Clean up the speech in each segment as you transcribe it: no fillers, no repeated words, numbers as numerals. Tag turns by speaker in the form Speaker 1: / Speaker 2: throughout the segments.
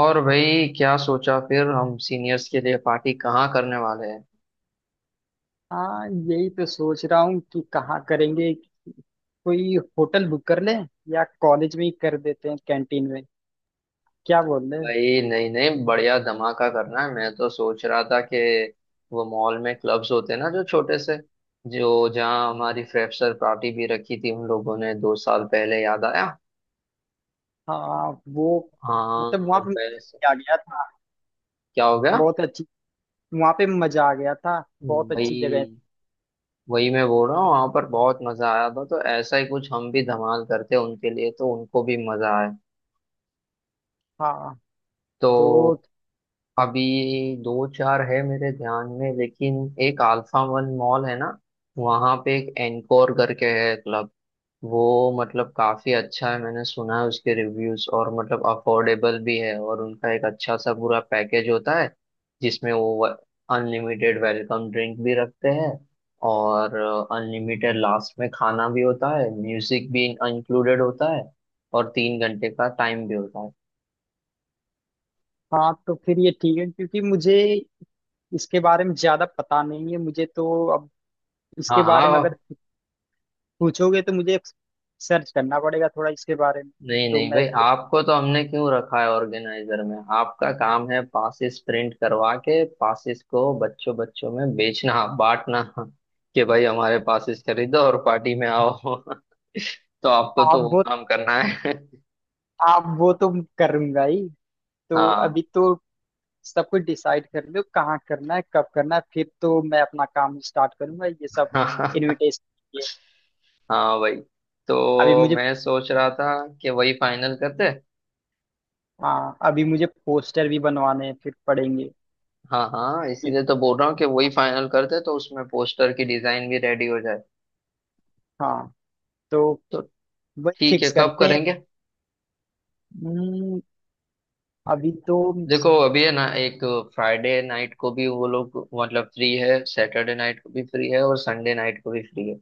Speaker 1: और भाई क्या सोचा फिर, हम सीनियर्स के लिए पार्टी कहाँ करने वाले हैं।
Speaker 2: हाँ, यही तो सोच रहा हूँ कि कहाँ करेंगे। कोई होटल बुक कर लें, या कॉलेज में ही कर देते हैं कैंटीन में। क्या बोल रहे हैं?
Speaker 1: भाई, नहीं नहीं, बढ़िया धमाका करना है। मैं तो सोच रहा था कि वो मॉल में क्लब्स होते हैं ना, जो छोटे से, जो जहाँ हमारी फ्रेशर पार्टी भी रखी थी उन लोगों ने, 2 साल पहले, याद आया।
Speaker 2: हाँ, वो मतलब
Speaker 1: हाँ
Speaker 2: वहाँ पे
Speaker 1: वैसे।
Speaker 2: मजा आ गया था।
Speaker 1: क्या हो गया।
Speaker 2: बहुत अच्छी। वहाँ पे मजा आ गया था। बहुत
Speaker 1: वही
Speaker 2: अच्छी जगह है।
Speaker 1: वही मैं बोल रहा हूँ, वहां पर बहुत मजा आया था, तो ऐसा ही कुछ हम भी धमाल करते हैं उनके लिए, तो उनको भी मजा आए।
Speaker 2: हाँ
Speaker 1: तो
Speaker 2: तो
Speaker 1: अभी दो चार है मेरे ध्यान में, लेकिन एक अल्फा वन मॉल है ना, वहां पे एक एनकोर करके है क्लब। वो मतलब काफी अच्छा है, मैंने सुना है उसके रिव्यूज, और मतलब अफोर्डेबल भी है, और उनका एक अच्छा सा पूरा पैकेज होता है जिसमें वो अनलिमिटेड वेलकम ड्रिंक भी रखते हैं, और अनलिमिटेड लास्ट में खाना भी होता है, म्यूजिक भी इंक्लूडेड होता है, और 3 घंटे का टाइम भी होता है।
Speaker 2: हाँ, तो फिर ये ठीक है, क्योंकि मुझे इसके बारे में ज्यादा पता नहीं है। मुझे तो अब
Speaker 1: हाँ
Speaker 2: इसके बारे में
Speaker 1: हाँ।
Speaker 2: अगर पूछोगे तो मुझे सर्च करना पड़ेगा थोड़ा इसके बारे में।
Speaker 1: नहीं
Speaker 2: तो
Speaker 1: नहीं
Speaker 2: मैं
Speaker 1: भाई,
Speaker 2: फिर
Speaker 1: आपको तो हमने क्यों रखा है ऑर्गेनाइजर में, आपका काम है पासिस प्रिंट करवा के पासिस को बच्चों बच्चों में बेचना बांटना, कि भाई हमारे पासिस खरीदो और पार्टी में आओ। तो आपको
Speaker 2: आप
Speaker 1: तो वो
Speaker 2: बहुत,
Speaker 1: काम करना है।
Speaker 2: आप वो तो करूंगा ही। तो
Speaker 1: हाँ
Speaker 2: अभी तो सब कुछ डिसाइड कर लो कहाँ करना है, कब करना है, फिर तो मैं अपना काम स्टार्ट करूंगा ये सब
Speaker 1: हाँ।
Speaker 2: इनविटेशन के लिए।
Speaker 1: हाँ भाई,
Speaker 2: अभी
Speaker 1: तो
Speaker 2: मुझे,
Speaker 1: मैं सोच रहा था कि वही फाइनल करते।
Speaker 2: हाँ अभी मुझे पोस्टर भी बनवाने हैं, फिर पड़ेंगे।
Speaker 1: हाँ हाँ,
Speaker 2: ठीक,
Speaker 1: इसीलिए तो बोल रहा हूँ कि वही फाइनल करते, तो उसमें पोस्टर की डिजाइन भी रेडी हो जाए।
Speaker 2: हाँ तो
Speaker 1: तो
Speaker 2: वही
Speaker 1: ठीक है,
Speaker 2: फिक्स
Speaker 1: कब
Speaker 2: करते हैं।
Speaker 1: करेंगे।
Speaker 2: हम्म, अभी तो
Speaker 1: देखो अभी है ना, एक फ्राइडे नाइट को भी वो लोग मतलब फ्री है, सैटरडे नाइट को भी फ्री है, और संडे नाइट को भी फ्री है।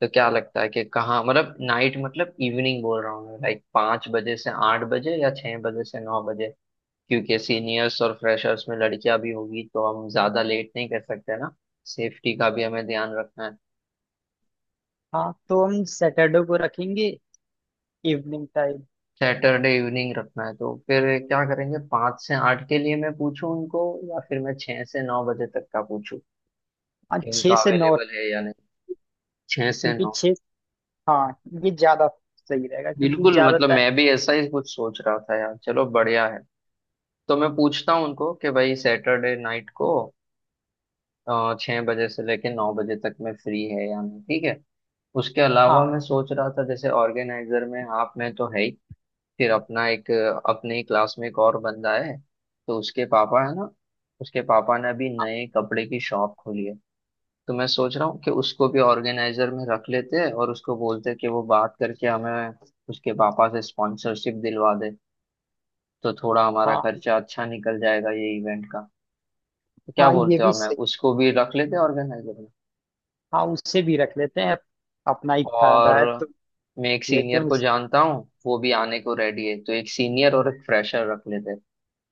Speaker 1: तो क्या लगता है कि कहाँ, मतलब नाइट मतलब इवनिंग बोल रहा हूँ मैं, लाइक 5 बजे से 8 बजे, या 6 बजे से 9 बजे। क्योंकि सीनियर्स और फ्रेशर्स में लड़कियां भी होगी तो हम ज्यादा लेट नहीं कर सकते ना, सेफ्टी का भी हमें ध्यान रखना है।
Speaker 2: हाँ तो हम सैटरडे को रखेंगे, इवनिंग टाइम।
Speaker 1: सैटरडे इवनिंग रखना है तो फिर क्या करेंगे, 5 से 8 के लिए मैं पूछूं उनको, या फिर मैं 6 से 9 बजे तक का पूछूं
Speaker 2: हाँ,
Speaker 1: कि
Speaker 2: छः
Speaker 1: उनका
Speaker 2: से नौ,
Speaker 1: अवेलेबल है या नहीं। छह से
Speaker 2: क्योंकि
Speaker 1: नौ
Speaker 2: छः हाँ ये ज्यादा सही रहेगा क्योंकि
Speaker 1: बिल्कुल,
Speaker 2: ज्यादा
Speaker 1: मतलब
Speaker 2: टाइम।
Speaker 1: मैं भी ऐसा ही कुछ सोच रहा था यार, चलो बढ़िया है। तो मैं पूछता हूँ उनको कि भाई सैटरडे नाइट को 6 बजे से लेके 9 बजे तक मैं फ्री है या नहीं, ठीक है। उसके अलावा
Speaker 2: हाँ,
Speaker 1: मैं सोच रहा था, जैसे ऑर्गेनाइजर में आप मैं तो है ही, फिर अपना एक, अपने ही क्लास में एक और बंदा है, तो उसके पापा है ना, उसके पापा ने अभी नए कपड़े की शॉप खोली है। तो मैं सोच रहा हूँ कि उसको भी ऑर्गेनाइजर में रख लेते हैं, और उसको बोलते हैं कि वो बात करके हमें उसके पापा से स्पॉन्सरशिप दिलवा दे, तो थोड़ा हमारा
Speaker 2: हाँ।
Speaker 1: खर्चा अच्छा निकल जाएगा ये इवेंट का। तो क्या
Speaker 2: हाँ, ये
Speaker 1: बोलते हो,
Speaker 2: भी।
Speaker 1: हमें उसको भी रख लेते हैं ऑर्गेनाइजर में।
Speaker 2: हाँ, उससे भी रख लेते हैं, अपना ही फायदा
Speaker 1: और
Speaker 2: है तो।
Speaker 1: मैं एक
Speaker 2: लेते
Speaker 1: सीनियर
Speaker 2: हैं
Speaker 1: को
Speaker 2: उस
Speaker 1: जानता हूँ, वो भी आने को रेडी है, तो एक सीनियर और एक फ्रेशर रख लेते हैं।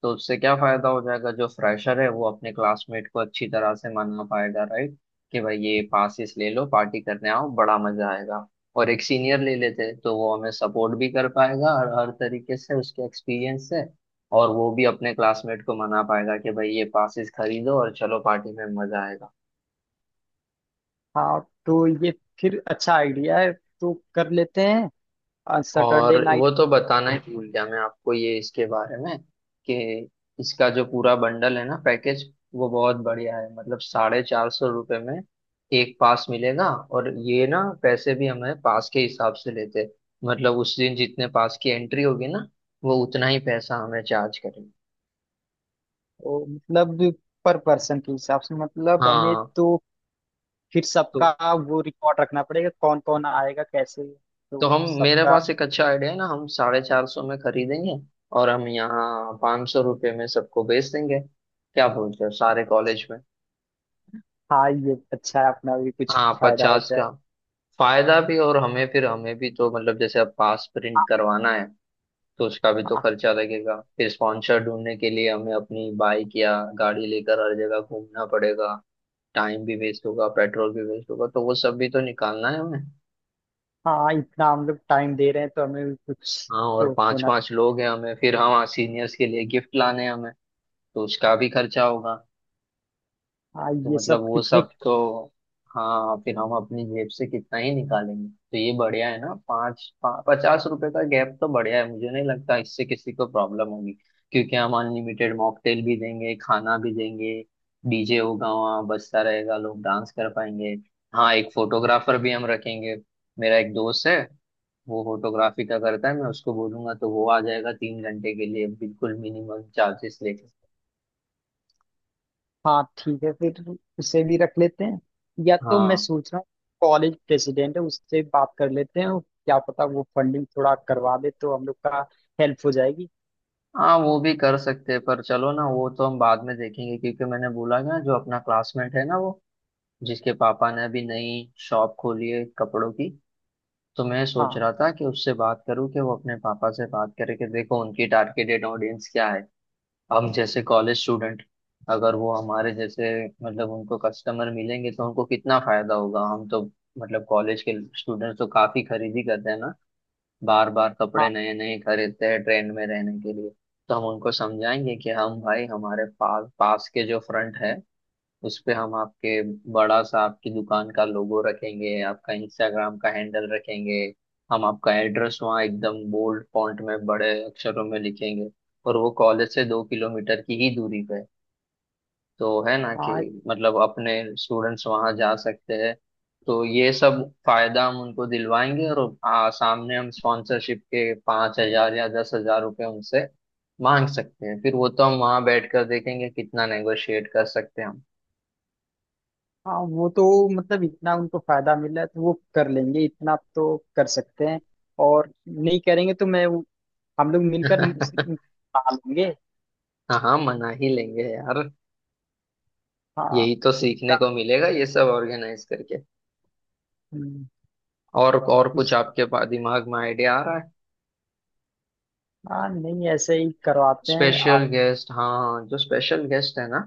Speaker 1: तो उससे क्या फायदा हो जाएगा, जो फ्रेशर है वो अपने क्लासमेट को अच्छी तरह से मना पाएगा, राइट, कि भाई ये पासिस ले लो, पार्टी करने आओ, बड़ा मजा आएगा। और एक सीनियर ले लेते तो वो हमें सपोर्ट भी कर पाएगा, और हर तरीके से उसके एक्सपीरियंस से, और वो भी अपने क्लासमेट को मना पाएगा कि भाई ये पासिस खरीदो और चलो पार्टी में मजा आएगा।
Speaker 2: हाँ तो ये फिर अच्छा आइडिया है। तो कर लेते हैं
Speaker 1: और
Speaker 2: सैटरडे नाइट।
Speaker 1: वो तो बताना ही भूल गया मैं आपको, ये इसके बारे में, कि इसका जो पूरा बंडल है ना, पैकेज, वो बहुत बढ़िया है। मतलब 450 रुपये में एक पास मिलेगा, और ये ना, पैसे भी हमें पास के हिसाब से लेते हैं। मतलब उस दिन जितने पास की एंट्री होगी ना, वो उतना ही पैसा हमें चार्ज करेंगे।
Speaker 2: मतलब पर पर्सन के हिसाब से, मतलब हमें
Speaker 1: हाँ।
Speaker 2: तो फिर
Speaker 1: तो
Speaker 2: सबका वो रिकॉर्ड रखना पड़ेगा कौन कौन आएगा कैसे। तो
Speaker 1: तो हम, मेरे
Speaker 2: सबका
Speaker 1: पास एक अच्छा आइडिया है ना, हम 450 में खरीदेंगे और हम यहाँ 500 रुपये में सबको बेच देंगे, क्या बोलते हो, सारे कॉलेज में।
Speaker 2: हाँ, ये अच्छा है, अपना भी कुछ
Speaker 1: हाँ,
Speaker 2: फायदा हो
Speaker 1: पचास
Speaker 2: जाए।
Speaker 1: का फायदा भी, और हमें फिर, हमें भी तो मतलब, जैसे अब पास प्रिंट करवाना है तो उसका भी तो
Speaker 2: हाँ।
Speaker 1: खर्चा लगेगा, फिर स्पॉन्सर ढूंढने के लिए हमें अपनी बाइक या गाड़ी लेकर हर जगह घूमना पड़ेगा, टाइम भी वेस्ट होगा, पेट्रोल भी वेस्ट होगा, तो वो सब भी तो निकालना है हमें।
Speaker 2: हाँ, इतना हम लोग टाइम दे रहे हैं तो हमें भी कुछ
Speaker 1: हाँ, और
Speaker 2: तो
Speaker 1: पांच
Speaker 2: होना।
Speaker 1: पांच लोग हैं हमें, फिर हाँ सीनियर्स के लिए गिफ्ट लाने हैं हमें, तो उसका भी खर्चा होगा,
Speaker 2: हाँ,
Speaker 1: तो
Speaker 2: ये
Speaker 1: मतलब
Speaker 2: सब
Speaker 1: वो
Speaker 2: कितने।
Speaker 1: सब तो, हाँ फिर हम अपनी जेब से कितना ही निकालेंगे। तो ये बढ़िया है ना, 50 रुपए का गैप तो बढ़िया है, मुझे नहीं लगता इससे किसी को प्रॉब्लम होगी, क्योंकि हम अनलिमिटेड मॉकटेल भी देंगे, खाना भी देंगे, डीजे होगा वहाँ बजता रहेगा, लोग डांस कर पाएंगे। हाँ एक फोटोग्राफर भी हम रखेंगे, मेरा एक दोस्त है वो फोटोग्राफी का करता है, मैं उसको बोलूंगा तो वो आ जाएगा 3 घंटे के लिए बिल्कुल मिनिमम चार्जेस लेके।
Speaker 2: हाँ ठीक है, फिर उसे भी रख लेते हैं। या तो मैं
Speaker 1: हाँ।
Speaker 2: सोच रहा हूँ कॉलेज प्रेसिडेंट है, उससे बात कर लेते हैं, और क्या पता वो फंडिंग थोड़ा करवा दे तो हम लोग का हेल्प हो जाएगी।
Speaker 1: हाँ वो भी कर सकते हैं, पर चलो ना, वो तो हम बाद में देखेंगे, क्योंकि मैंने बोला ना, जो अपना क्लासमेट है ना वो, जिसके पापा ने अभी नई शॉप खोली है कपड़ों की, तो मैं सोच
Speaker 2: हाँ।
Speaker 1: रहा था कि उससे बात करूं कि वो अपने पापा से बात करे कि देखो, उनकी टारगेटेड ऑडियंस क्या है, हम जैसे कॉलेज स्टूडेंट, अगर वो हमारे जैसे, मतलब उनको कस्टमर मिलेंगे तो उनको कितना फायदा होगा, हम तो मतलब कॉलेज के स्टूडेंट्स तो काफी खरीदी करते हैं ना, बार बार कपड़े
Speaker 2: हाँ।
Speaker 1: नए नए खरीदते हैं ट्रेंड में रहने के लिए। तो हम उनको समझाएंगे कि हम भाई, हमारे पास पास के जो फ्रंट है उस पे हम आपके, बड़ा सा आपकी दुकान का लोगो रखेंगे, आपका इंस्टाग्राम का हैंडल रखेंगे, हम आपका एड्रेस वहाँ एकदम बोल्ड फॉन्ट में बड़े अक्षरों में लिखेंगे, और वो कॉलेज से 2 किलोमीटर की ही दूरी पे है, तो है ना कि
Speaker 2: हाँ।
Speaker 1: मतलब अपने स्टूडेंट्स वहां जा सकते हैं। तो ये सब फायदा हम उनको दिलवाएंगे, और सामने हम स्पॉन्सरशिप के 5,000 या 10,000 रुपये उनसे मांग सकते हैं, फिर वो तो हम वहां बैठकर देखेंगे कितना नेगोशिएट कर सकते हैं हम।
Speaker 2: हाँ, वो तो मतलब इतना उनको फायदा मिल रहा है तो वो कर लेंगे, इतना तो कर सकते हैं। और नहीं करेंगे तो मैं हम लोग मिलकर उस- पालेंगे।
Speaker 1: हाँ हाँ मना ही लेंगे यार,
Speaker 2: हाँ।
Speaker 1: यही तो सीखने
Speaker 2: उसका
Speaker 1: को मिलेगा ये सब ऑर्गेनाइज करके।
Speaker 2: हम्म,
Speaker 1: और कुछ
Speaker 2: उस
Speaker 1: आपके दिमाग में आइडिया आ रहा है।
Speaker 2: हाँ, नहीं ऐसे ही करवाते हैं
Speaker 1: स्पेशल
Speaker 2: आप।
Speaker 1: गेस्ट, हाँ जो स्पेशल गेस्ट है ना,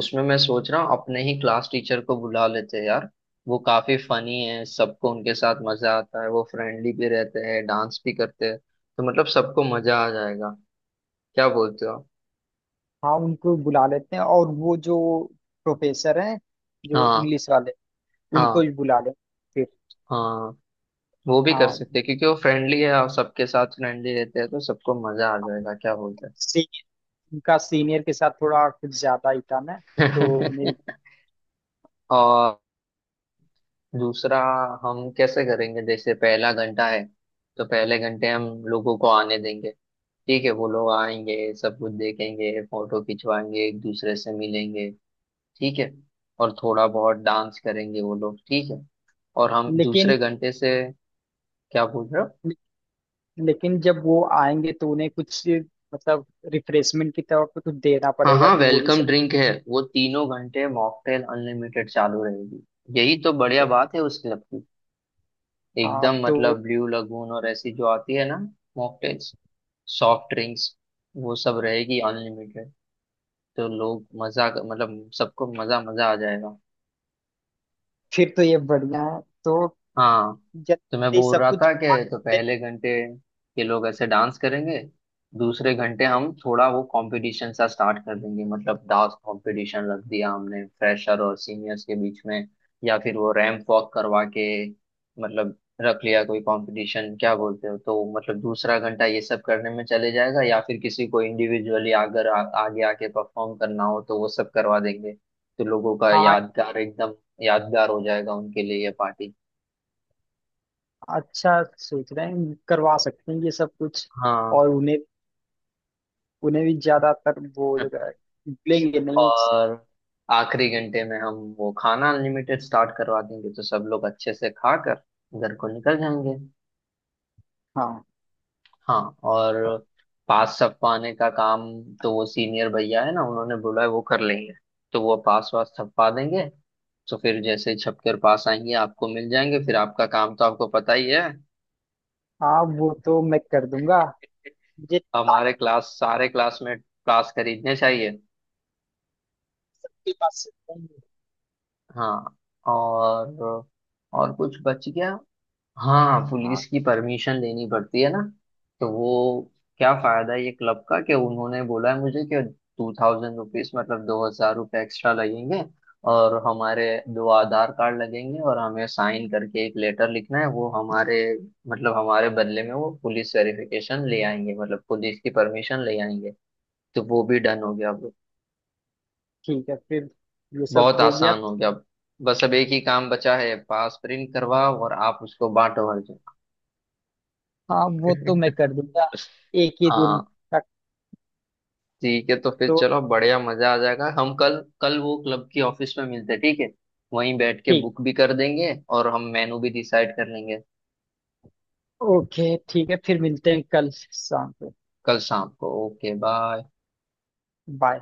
Speaker 1: उसमें मैं सोच रहा हूँ अपने ही क्लास टीचर को बुला लेते हैं यार, वो काफी फनी है, सबको उनके साथ मजा आता है, वो फ्रेंडली भी रहते हैं, डांस भी करते हैं, तो मतलब सबको मजा आ जाएगा, क्या बोलते हो।
Speaker 2: हाँ, उनको बुला लेते हैं, और वो जो प्रोफेसर हैं, जो
Speaker 1: हाँ
Speaker 2: इंग्लिश वाले, उनको
Speaker 1: हाँ।
Speaker 2: भी बुला लें। फिर
Speaker 1: हाँ वो भी कर
Speaker 2: हाँ,
Speaker 1: सकते हैं, क्योंकि वो फ्रेंडली है और सबके साथ फ्रेंडली रहते हैं, तो सबको मजा आ जाएगा, क्या बोलते
Speaker 2: सी, उनका सीनियर के साथ थोड़ा कुछ ज्यादा ही था ना। तो
Speaker 1: हैं।
Speaker 2: उन्हें
Speaker 1: दूसरा, हम कैसे करेंगे, जैसे पहला घंटा है, तो पहले घंटे हम लोगों को आने देंगे, ठीक है, वो लोग आएंगे, सब कुछ देखेंगे, फोटो खिंचवाएंगे, एक दूसरे से मिलेंगे, ठीक है, और थोड़ा बहुत डांस करेंगे वो लोग, ठीक है, और हम
Speaker 2: लेकिन
Speaker 1: दूसरे घंटे से। क्या पूछ रहे हो।
Speaker 2: लेकिन जब वो आएंगे तो उन्हें कुछ मतलब रिफ्रेशमेंट की तरफ तो कुछ देना
Speaker 1: हाँ
Speaker 2: पड़ेगा,
Speaker 1: हाँ
Speaker 2: तो वो भी
Speaker 1: वेलकम
Speaker 2: सब
Speaker 1: ड्रिंक है, वो तीनों घंटे मॉकटेल अनलिमिटेड चालू रहेगी, यही तो बढ़िया
Speaker 2: तो,
Speaker 1: बात है उस क्लब की,
Speaker 2: हाँ
Speaker 1: एकदम
Speaker 2: तो
Speaker 1: मतलब ब्लू लगून और ऐसी जो आती है ना मॉकटेल्स, सॉफ्ट ड्रिंक्स, वो सब रहेगी अनलिमिटेड, तो लोग मजा, मतलब सबको मजा मजा आ जाएगा।
Speaker 2: फिर तो ये बढ़िया है तो
Speaker 1: हाँ, तो मैं
Speaker 2: जल्दी
Speaker 1: बोल
Speaker 2: सब
Speaker 1: रहा
Speaker 2: कुछ।
Speaker 1: था कि तो पहले घंटे के लोग ऐसे डांस करेंगे, दूसरे घंटे हम थोड़ा वो कंपटीशन सा स्टार्ट कर देंगे, मतलब डांस कंपटीशन रख दिया हमने फ्रेशर और सीनियर्स के बीच में, या फिर वो रैंप वॉक करवा के, मतलब रख लिया कोई कंपटीशन, क्या बोलते हो, तो मतलब दूसरा घंटा ये सब करने में चले जाएगा, या फिर किसी को इंडिविजुअली अगर आगे आके परफॉर्म करना हो तो वो सब करवा देंगे, तो लोगों का
Speaker 2: हाँ,
Speaker 1: यादगार, एकदम यादगार हो जाएगा उनके लिए ये पार्टी।
Speaker 2: अच्छा सोच रहे हैं, करवा सकते हैं ये सब कुछ।
Speaker 1: हाँ,
Speaker 2: और उन्हें, उन्हें भी ज्यादातर वो जो है लेंगे नहीं।
Speaker 1: और आखिरी घंटे में हम वो खाना अनलिमिटेड स्टार्ट करवा देंगे, तो सब लोग अच्छे से खाकर घर को निकल जाएंगे।
Speaker 2: हाँ।
Speaker 1: हाँ, और पास छपवाने का काम, तो वो सीनियर भैया है ना, उन्होंने बोला है वो कर लेंगे, तो वो पास वास छपवा देंगे, तो फिर जैसे ही छपकर पास आएंगे आपको मिल जाएंगे, फिर आपका काम तो आपको पता ही है,
Speaker 2: हाँ, वो तो मैं कर दूंगा, मुझे ताकि
Speaker 1: हमारे क्लास सारे क्लासमेट पास खरीदने चाहिए।
Speaker 2: के पास से चाहिए।
Speaker 1: हाँ और और कुछ बच गया। हाँ
Speaker 2: हाँ
Speaker 1: पुलिस की परमिशन लेनी पड़ती है ना, तो वो, क्या फायदा है ये क्लब का, कि उन्होंने बोला है मुझे कि टू थाउजेंड रुपीज मतलब 2,000 रुपये एक्स्ट्रा लगेंगे, और हमारे 2 आधार कार्ड लगेंगे, और हमें साइन करके एक लेटर लिखना है, वो हमारे मतलब हमारे बदले में वो पुलिस वेरिफिकेशन ले आएंगे, मतलब पुलिस की परमिशन ले आएंगे, तो वो भी डन हो गया अब।
Speaker 2: ठीक है, फिर ये सब
Speaker 1: बहुत
Speaker 2: हो गया।
Speaker 1: आसान हो गया अब, बस अब एक ही काम बचा है, पास प्रिंट करवाओ और आप उसको बांटो हर
Speaker 2: हाँ, वो तो
Speaker 1: जगह।
Speaker 2: मैं कर दूंगा एक ही दिन
Speaker 1: हाँ
Speaker 2: तक
Speaker 1: ठीक है, तो फिर
Speaker 2: तो।
Speaker 1: चलो बढ़िया, मजा आ जाएगा। हम कल कल वो क्लब की ऑफिस में मिलते हैं, ठीक है, वहीं बैठ के
Speaker 2: ठीक।
Speaker 1: बुक भी कर देंगे, और हम मेनू भी डिसाइड कर लेंगे।
Speaker 2: ओके ठीक है, फिर मिलते हैं कल शाम को।
Speaker 1: कल शाम को, ओके बाय।
Speaker 2: बाय।